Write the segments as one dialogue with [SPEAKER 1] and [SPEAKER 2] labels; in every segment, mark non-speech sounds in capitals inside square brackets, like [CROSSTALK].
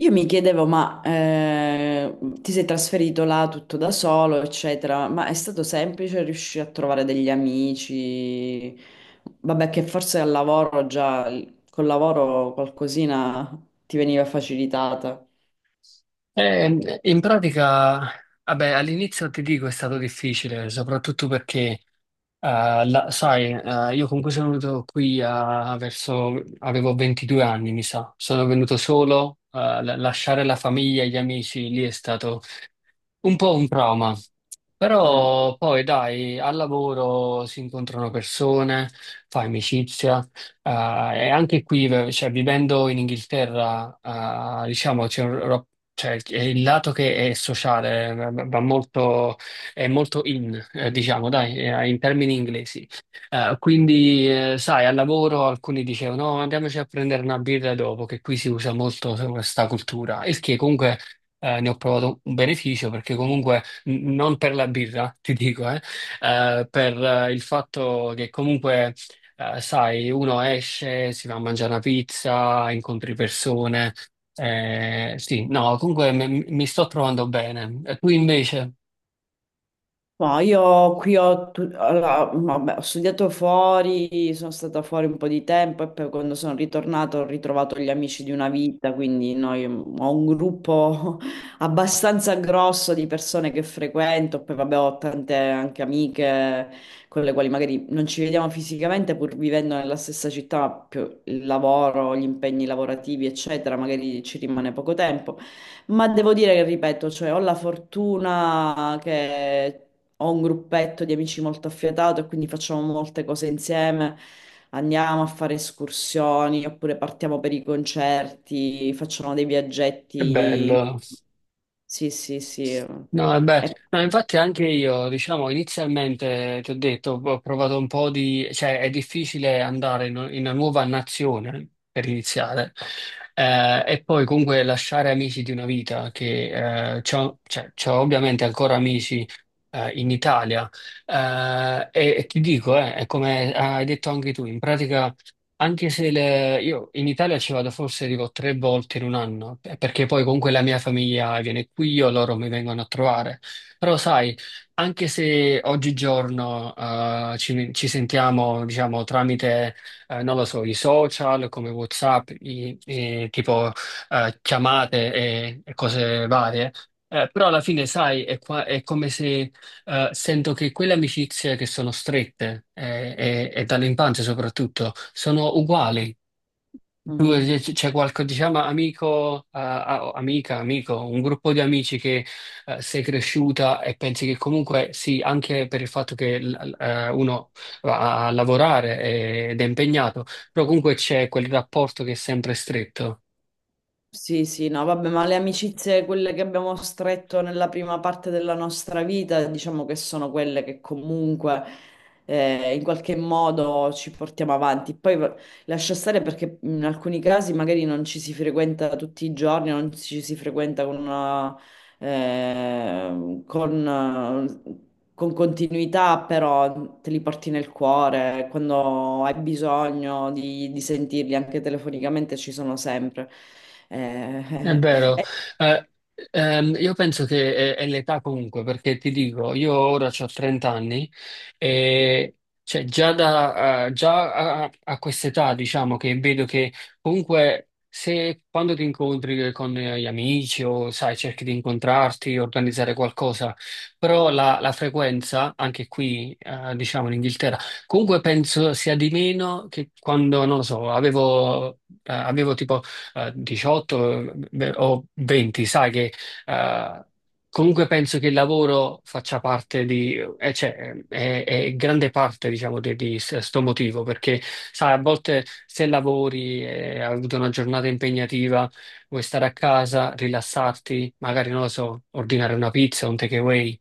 [SPEAKER 1] Io mi chiedevo, ma ti sei trasferito là tutto da solo, eccetera, ma è stato semplice riuscire a trovare degli amici? Vabbè, che forse al lavoro già, col lavoro qualcosina ti veniva facilitata.
[SPEAKER 2] In pratica, vabbè, all'inizio ti dico è stato difficile, soprattutto perché, sai, io comunque sono venuto qui verso, avevo 22 anni, mi sa, sono venuto solo, lasciare la famiglia e gli amici lì è stato un po' un trauma, però poi dai, al lavoro si incontrano persone, fai amicizia, eh, e anche qui, cioè, vivendo in Inghilterra, diciamo, c'è un cioè, è il lato che è sociale, va molto, è molto in, diciamo, dai, in termini inglesi. Quindi, sai, al lavoro alcuni dicevano, no, andiamoci a prendere una birra dopo, che qui si usa molto questa cultura, il che comunque ne ho provato un beneficio perché comunque non per la birra, [LAUGHS] ti dico, per il fatto che comunque, sai, uno esce, si va a mangiare una pizza, incontri persone. Sì, no, comunque mi sto trovando bene. E tu invece?
[SPEAKER 1] Ma io qui ho, allora, vabbè, ho studiato fuori, sono stata fuori un po' di tempo e poi quando sono ritornata ho ritrovato gli amici di una vita, quindi noi, ho un gruppo [LAUGHS] abbastanza grosso di persone che frequento, poi vabbè ho tante anche amiche con le quali magari non ci vediamo fisicamente pur vivendo nella stessa città, ma più il lavoro, gli impegni lavorativi, eccetera, magari ci rimane poco tempo. Ma devo dire che, ripeto, cioè, ho la fortuna che ho un gruppetto di amici molto affiatato e quindi facciamo molte cose insieme. Andiamo a fare escursioni oppure partiamo per i concerti, facciamo dei
[SPEAKER 2] Che
[SPEAKER 1] viaggetti.
[SPEAKER 2] bello.
[SPEAKER 1] Sì, sì, sì. E...
[SPEAKER 2] No, e beh, no, infatti anche io, diciamo, inizialmente ti ho detto, ho provato un po' di, cioè è difficile andare in una nuova nazione per iniziare, e poi comunque lasciare amici di una vita, che c'ho, cioè, c'ho ovviamente ancora amici in Italia, e ti dico, è come hai detto anche tu, in pratica anche se io in Italia ci vado forse dico tre volte in un anno, perché poi comunque la mia famiglia viene qui, io loro mi vengono a trovare. Però sai, anche se oggigiorno, ci sentiamo, diciamo, tramite, non lo so, i social come WhatsApp, tipo chiamate e cose varie, però alla fine sai, è come se, sento che quelle amicizie che sono strette, e dall'infanzia soprattutto sono uguali. Tu,
[SPEAKER 1] Mhm.
[SPEAKER 2] c'è qualche, diciamo, amico, amica, amico, un gruppo di amici che, sei cresciuta e pensi che comunque sì, anche per il fatto che uno va a lavorare ed è impegnato, però comunque c'è quel rapporto che è sempre stretto.
[SPEAKER 1] Sì, sì, no, vabbè, ma le amicizie, quelle che abbiamo stretto nella prima parte della nostra vita, diciamo che sono quelle che comunque in qualche modo ci portiamo avanti. Poi lascia stare perché in alcuni casi magari non ci si frequenta tutti i giorni, non ci si frequenta con eh, con, con continuità, però te li porti nel cuore, quando hai bisogno di sentirli anche telefonicamente ci sono sempre.
[SPEAKER 2] È
[SPEAKER 1] Eh, [LAUGHS]
[SPEAKER 2] vero.
[SPEAKER 1] e
[SPEAKER 2] Eh, io penso che è l'età comunque, perché ti dico, io ora ho 30 anni e cioè, già, già a quest'età diciamo che vedo che comunque se quando ti incontri con, gli amici o sai, cerchi di incontrarti, organizzare qualcosa, però la frequenza, anche qui, diciamo in Inghilterra, comunque penso sia di meno che quando, non lo so, avevo tipo, 18 beh, o 20, sai che, eh, comunque penso che il lavoro faccia parte cioè, è grande parte, diciamo, di sto motivo, perché sai, a volte se lavori e hai avuto una giornata impegnativa, vuoi stare a casa, rilassarti, magari, non lo so, ordinare una pizza, un takeaway,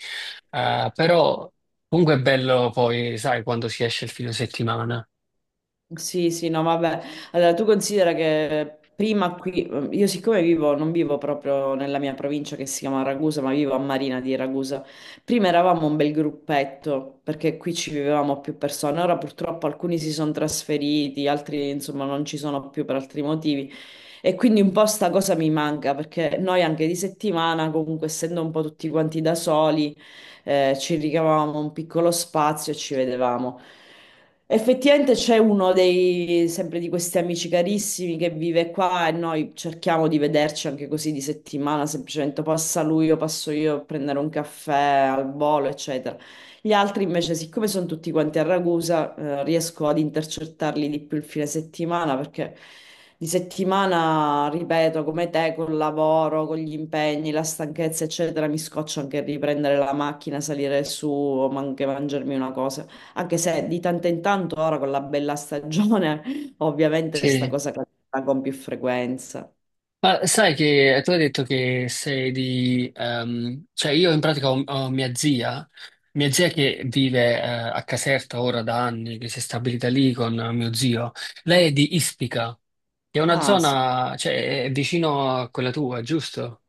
[SPEAKER 2] però comunque è bello poi, sai, quando si esce il fine settimana.
[SPEAKER 1] sì, sì, no, vabbè. Allora, tu considera che prima qui, io siccome vivo, non vivo proprio nella mia provincia che si chiama Ragusa, ma vivo a Marina di Ragusa. Prima eravamo un bel gruppetto, perché qui ci vivevamo più persone. Ora purtroppo alcuni si sono trasferiti, altri insomma non ci sono più per altri motivi. E quindi un po' sta cosa mi manca, perché noi anche di settimana, comunque essendo un po' tutti quanti da soli, ci ricavavamo un piccolo spazio e ci vedevamo. Effettivamente c'è uno dei, sempre di questi amici carissimi che vive qua e noi cerchiamo di vederci anche così di settimana, semplicemente passa lui o passo io a prendere un caffè al volo, eccetera. Gli altri invece, siccome sono tutti quanti a Ragusa, riesco ad intercettarli di più il fine settimana perché di settimana, ripeto, come te, col lavoro, con gli impegni, la stanchezza, eccetera, mi scoccio anche riprendere la macchina, salire su o anche mangiarmi una cosa. Anche se di tanto in tanto ora con la bella stagione, [LAUGHS] ovviamente sta
[SPEAKER 2] Sì.
[SPEAKER 1] cosa capita con più frequenza.
[SPEAKER 2] Ma sai che, tu hai detto che sei di... cioè io in pratica ho mia zia che vive, a Caserta ora da anni, che si è stabilita lì con mio zio. Lei è di Ispica, che è una
[SPEAKER 1] Ah, sì,
[SPEAKER 2] zona, cioè è vicino a quella tua, giusto?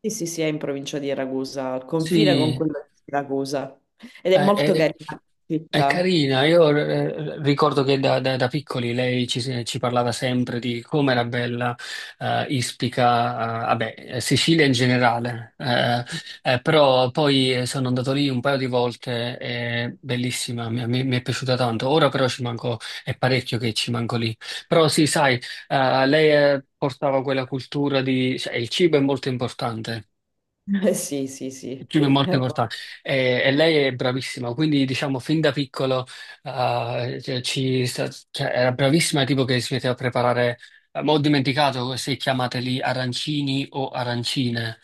[SPEAKER 1] sì, sì, sì, è in provincia di Ragusa, al confine con
[SPEAKER 2] Sì,
[SPEAKER 1] quella di Siracusa. Ed è
[SPEAKER 2] eh,
[SPEAKER 1] molto
[SPEAKER 2] è,
[SPEAKER 1] carina la
[SPEAKER 2] è
[SPEAKER 1] città.
[SPEAKER 2] carina, io ricordo che da piccoli lei ci parlava sempre di come era bella, Ispica, vabbè, Sicilia in generale,
[SPEAKER 1] [LAUGHS]
[SPEAKER 2] però poi, sono andato lì un paio di volte, è bellissima, mi è piaciuta tanto, ora però ci manco, è parecchio che ci manco lì, però sì, sai, lei, portava quella cultura di, cioè, il cibo è molto importante,
[SPEAKER 1] Sì, sì, sì.
[SPEAKER 2] Fiume è molto importante e lei è bravissima, quindi diciamo fin da piccolo, cioè, cioè, era bravissima, tipo che si metteva a preparare, ma ho dimenticato se chiamateli arancini o arancine.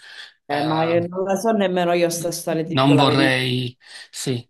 [SPEAKER 1] Ma io
[SPEAKER 2] Eh,
[SPEAKER 1] non la so nemmeno io sta storia, ti dico
[SPEAKER 2] Non
[SPEAKER 1] la verità.
[SPEAKER 2] vorrei, sì.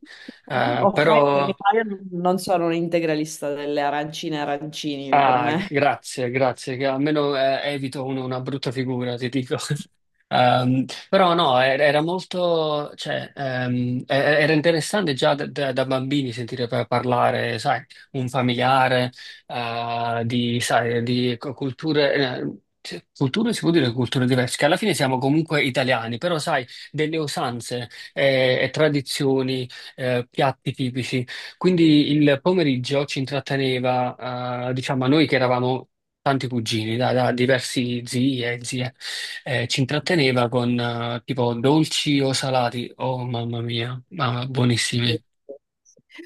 [SPEAKER 2] Però.
[SPEAKER 1] Offendermi, ma io non so, non sono un integralista delle arancine e arancini per
[SPEAKER 2] Ah,
[SPEAKER 1] me.
[SPEAKER 2] grazie, grazie, che almeno, evito una brutta figura, ti dico. [LAUGHS] Però no, era molto, cioè, era interessante già da bambini sentire parlare, sai, un familiare, di, sai, di culture, cioè, culture, si può dire culture diverse, che alla fine siamo comunque italiani, però sai, delle usanze, e tradizioni, piatti tipici. Quindi il pomeriggio ci intratteneva, diciamo, a noi che eravamo tanti cugini, da diversi zii e zie, ci intratteneva con, tipo dolci o salati. Oh mamma mia, ma buonissimi.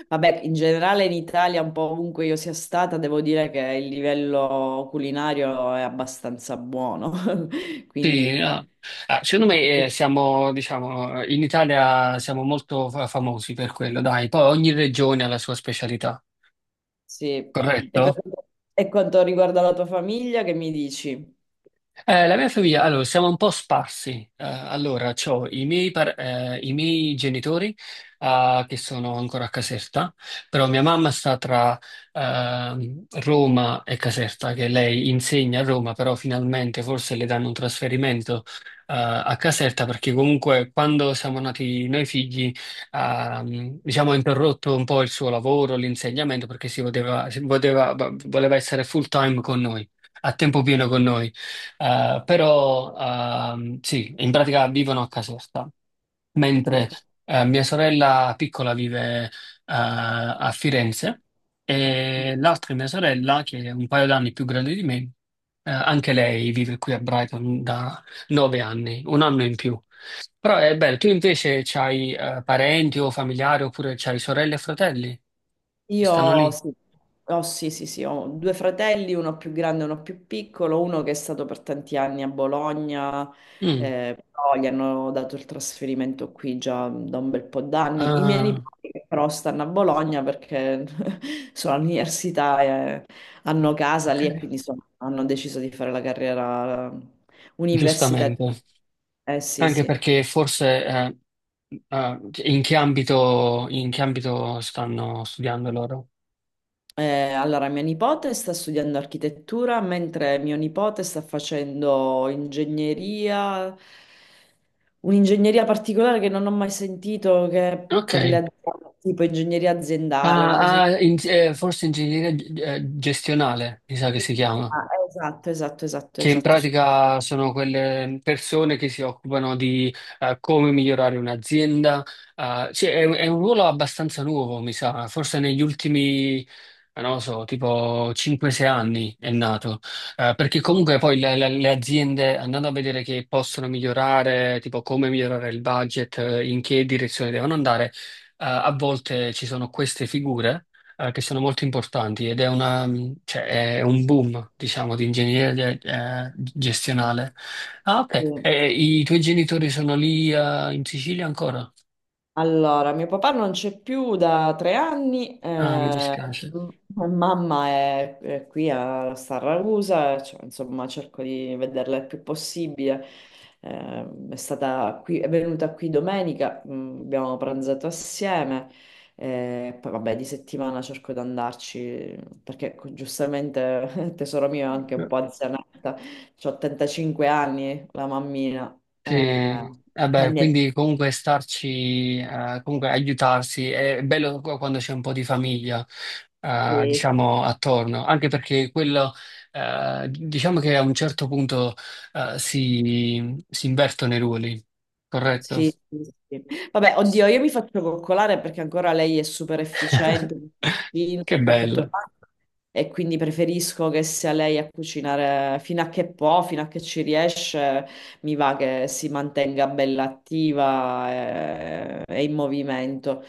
[SPEAKER 1] Vabbè, in generale in Italia, un po' ovunque io sia stata, devo dire che il livello culinario è abbastanza buono, [LAUGHS]
[SPEAKER 2] Sì,
[SPEAKER 1] quindi
[SPEAKER 2] ah. Ah, secondo me, siamo, diciamo, in Italia siamo molto famosi per quello, dai. Poi ogni regione ha la sua specialità,
[SPEAKER 1] sì. E per
[SPEAKER 2] corretto?
[SPEAKER 1] e quanto riguarda la tua famiglia, che mi dici?
[SPEAKER 2] La mia famiglia, allora, siamo un po' sparsi. Allora, c'ho i miei genitori, che sono ancora a Caserta, però mia mamma sta tra, Roma e Caserta, che lei insegna a Roma, però finalmente forse le danno un trasferimento, a Caserta, perché comunque quando siamo nati noi figli, diciamo, ha interrotto un po' il suo lavoro, l'insegnamento, perché voleva essere full time con noi, a tempo pieno con noi. Però sì, in pratica vivono a Caserta, mentre,
[SPEAKER 1] Ok.
[SPEAKER 2] mia sorella piccola vive, a Firenze e l'altra mia sorella, che è un paio d'anni più grande di me, anche lei vive qui a Brighton da 9 anni, un anno in più. Però è bello, tu invece c'hai, parenti o familiari oppure c'hai sorelle e fratelli che stanno
[SPEAKER 1] Io
[SPEAKER 2] lì?
[SPEAKER 1] sì. Sì, sì, sì, ho due fratelli, uno più grande e uno più piccolo, uno che è stato per tanti anni a Bologna,
[SPEAKER 2] Mm.
[SPEAKER 1] però gli hanno dato il trasferimento qui già da un bel po' d'anni. I miei
[SPEAKER 2] Ah,
[SPEAKER 1] nipoti che però stanno a Bologna perché [LAUGHS] sono all'università e hanno casa lì e
[SPEAKER 2] ok,
[SPEAKER 1] quindi hanno deciso di fare la carriera universitaria.
[SPEAKER 2] giustamente.
[SPEAKER 1] Eh sì,
[SPEAKER 2] Anche
[SPEAKER 1] sì.
[SPEAKER 2] perché forse, in che ambito stanno studiando loro?
[SPEAKER 1] Allora, mia nipote sta studiando architettura, mentre mio nipote sta facendo ingegneria, un'ingegneria particolare che non ho mai sentito, che è
[SPEAKER 2] Ok.
[SPEAKER 1] per le aziende, tipo ingegneria aziendale, una cosa di...
[SPEAKER 2] Ah, ah, forse ingegneria, gestionale, mi sa che si chiama.
[SPEAKER 1] Ah, esatto, esatto, esatto,
[SPEAKER 2] Che in
[SPEAKER 1] esatto. Scusi.
[SPEAKER 2] pratica sono quelle persone che si occupano di, come migliorare un'azienda. Cioè, è un ruolo abbastanza nuovo, mi sa, forse negli ultimi, non lo so, tipo 5-6 anni è nato. Perché comunque poi le aziende, andando a vedere che possono migliorare, tipo come migliorare il budget, in che direzione devono andare, a volte ci sono queste figure, che sono molto importanti cioè, è un boom, diciamo, di ingegneria, gestionale. Ah, ok.
[SPEAKER 1] Sì.
[SPEAKER 2] E i tuoi genitori sono lì, in Sicilia ancora?
[SPEAKER 1] Allora, mio papà non c'è più da 3 anni.
[SPEAKER 2] Ah, mi dispiace.
[SPEAKER 1] M- Mamma è qui a Sarragusa, cioè, insomma cerco di vederla il più possibile. È stata qui, è venuta qui domenica, abbiamo pranzato assieme, poi vabbè di settimana cerco di andarci perché giustamente [LAUGHS] tesoro mio è anche un po' anzianetta, ho 85 anni, la mammina. eh,
[SPEAKER 2] Sì,
[SPEAKER 1] e
[SPEAKER 2] vabbè, quindi comunque starci, comunque aiutarsi, è bello quando c'è un po' di famiglia,
[SPEAKER 1] niente.
[SPEAKER 2] diciamo, attorno, anche perché quello, diciamo che a un certo punto, si invertono i ruoli, corretto?
[SPEAKER 1] Sì, sì, sì. Vabbè, oddio, io mi faccio coccolare perché ancora lei è super efficiente,
[SPEAKER 2] [LAUGHS]
[SPEAKER 1] cucina,
[SPEAKER 2] Che
[SPEAKER 1] fa tutto
[SPEAKER 2] bello,
[SPEAKER 1] quanto e quindi preferisco che sia lei a cucinare fino a che può, fino a che ci riesce, mi va che si mantenga bella attiva, e in movimento.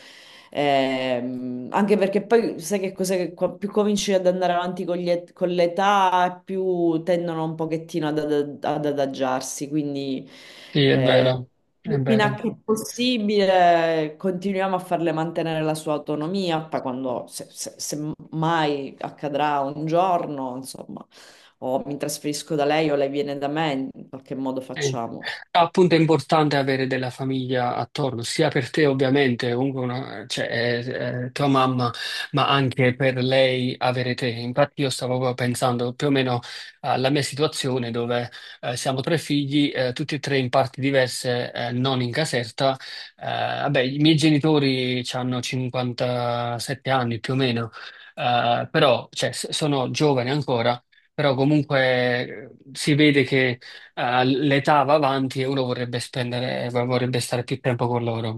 [SPEAKER 1] Anche perché poi sai che cos'è che più cominci ad andare avanti con con l'età, più tendono un pochettino ad adagiarsi, quindi...
[SPEAKER 2] sì, è
[SPEAKER 1] eh,
[SPEAKER 2] vero, è
[SPEAKER 1] Fino a
[SPEAKER 2] vero.
[SPEAKER 1] che è possibile continuiamo a farle mantenere la sua autonomia, poi quando, se mai accadrà un giorno, insomma, o mi trasferisco da lei o lei viene da me, in qualche modo
[SPEAKER 2] Sì.
[SPEAKER 1] facciamo.
[SPEAKER 2] Appunto è importante avere della famiglia attorno, sia per te ovviamente, comunque cioè, è tua mamma, ma anche per lei avere te. Infatti io stavo proprio pensando più o meno alla mia situazione dove, siamo tre figli, tutti e tre in parti diverse, non in Caserta. Vabbè, i miei genitori hanno 57 anni più o meno, però cioè, sono giovani ancora, però comunque, si vede che, l'età va avanti e uno vorrebbe spendere, vorrebbe stare più tempo con loro.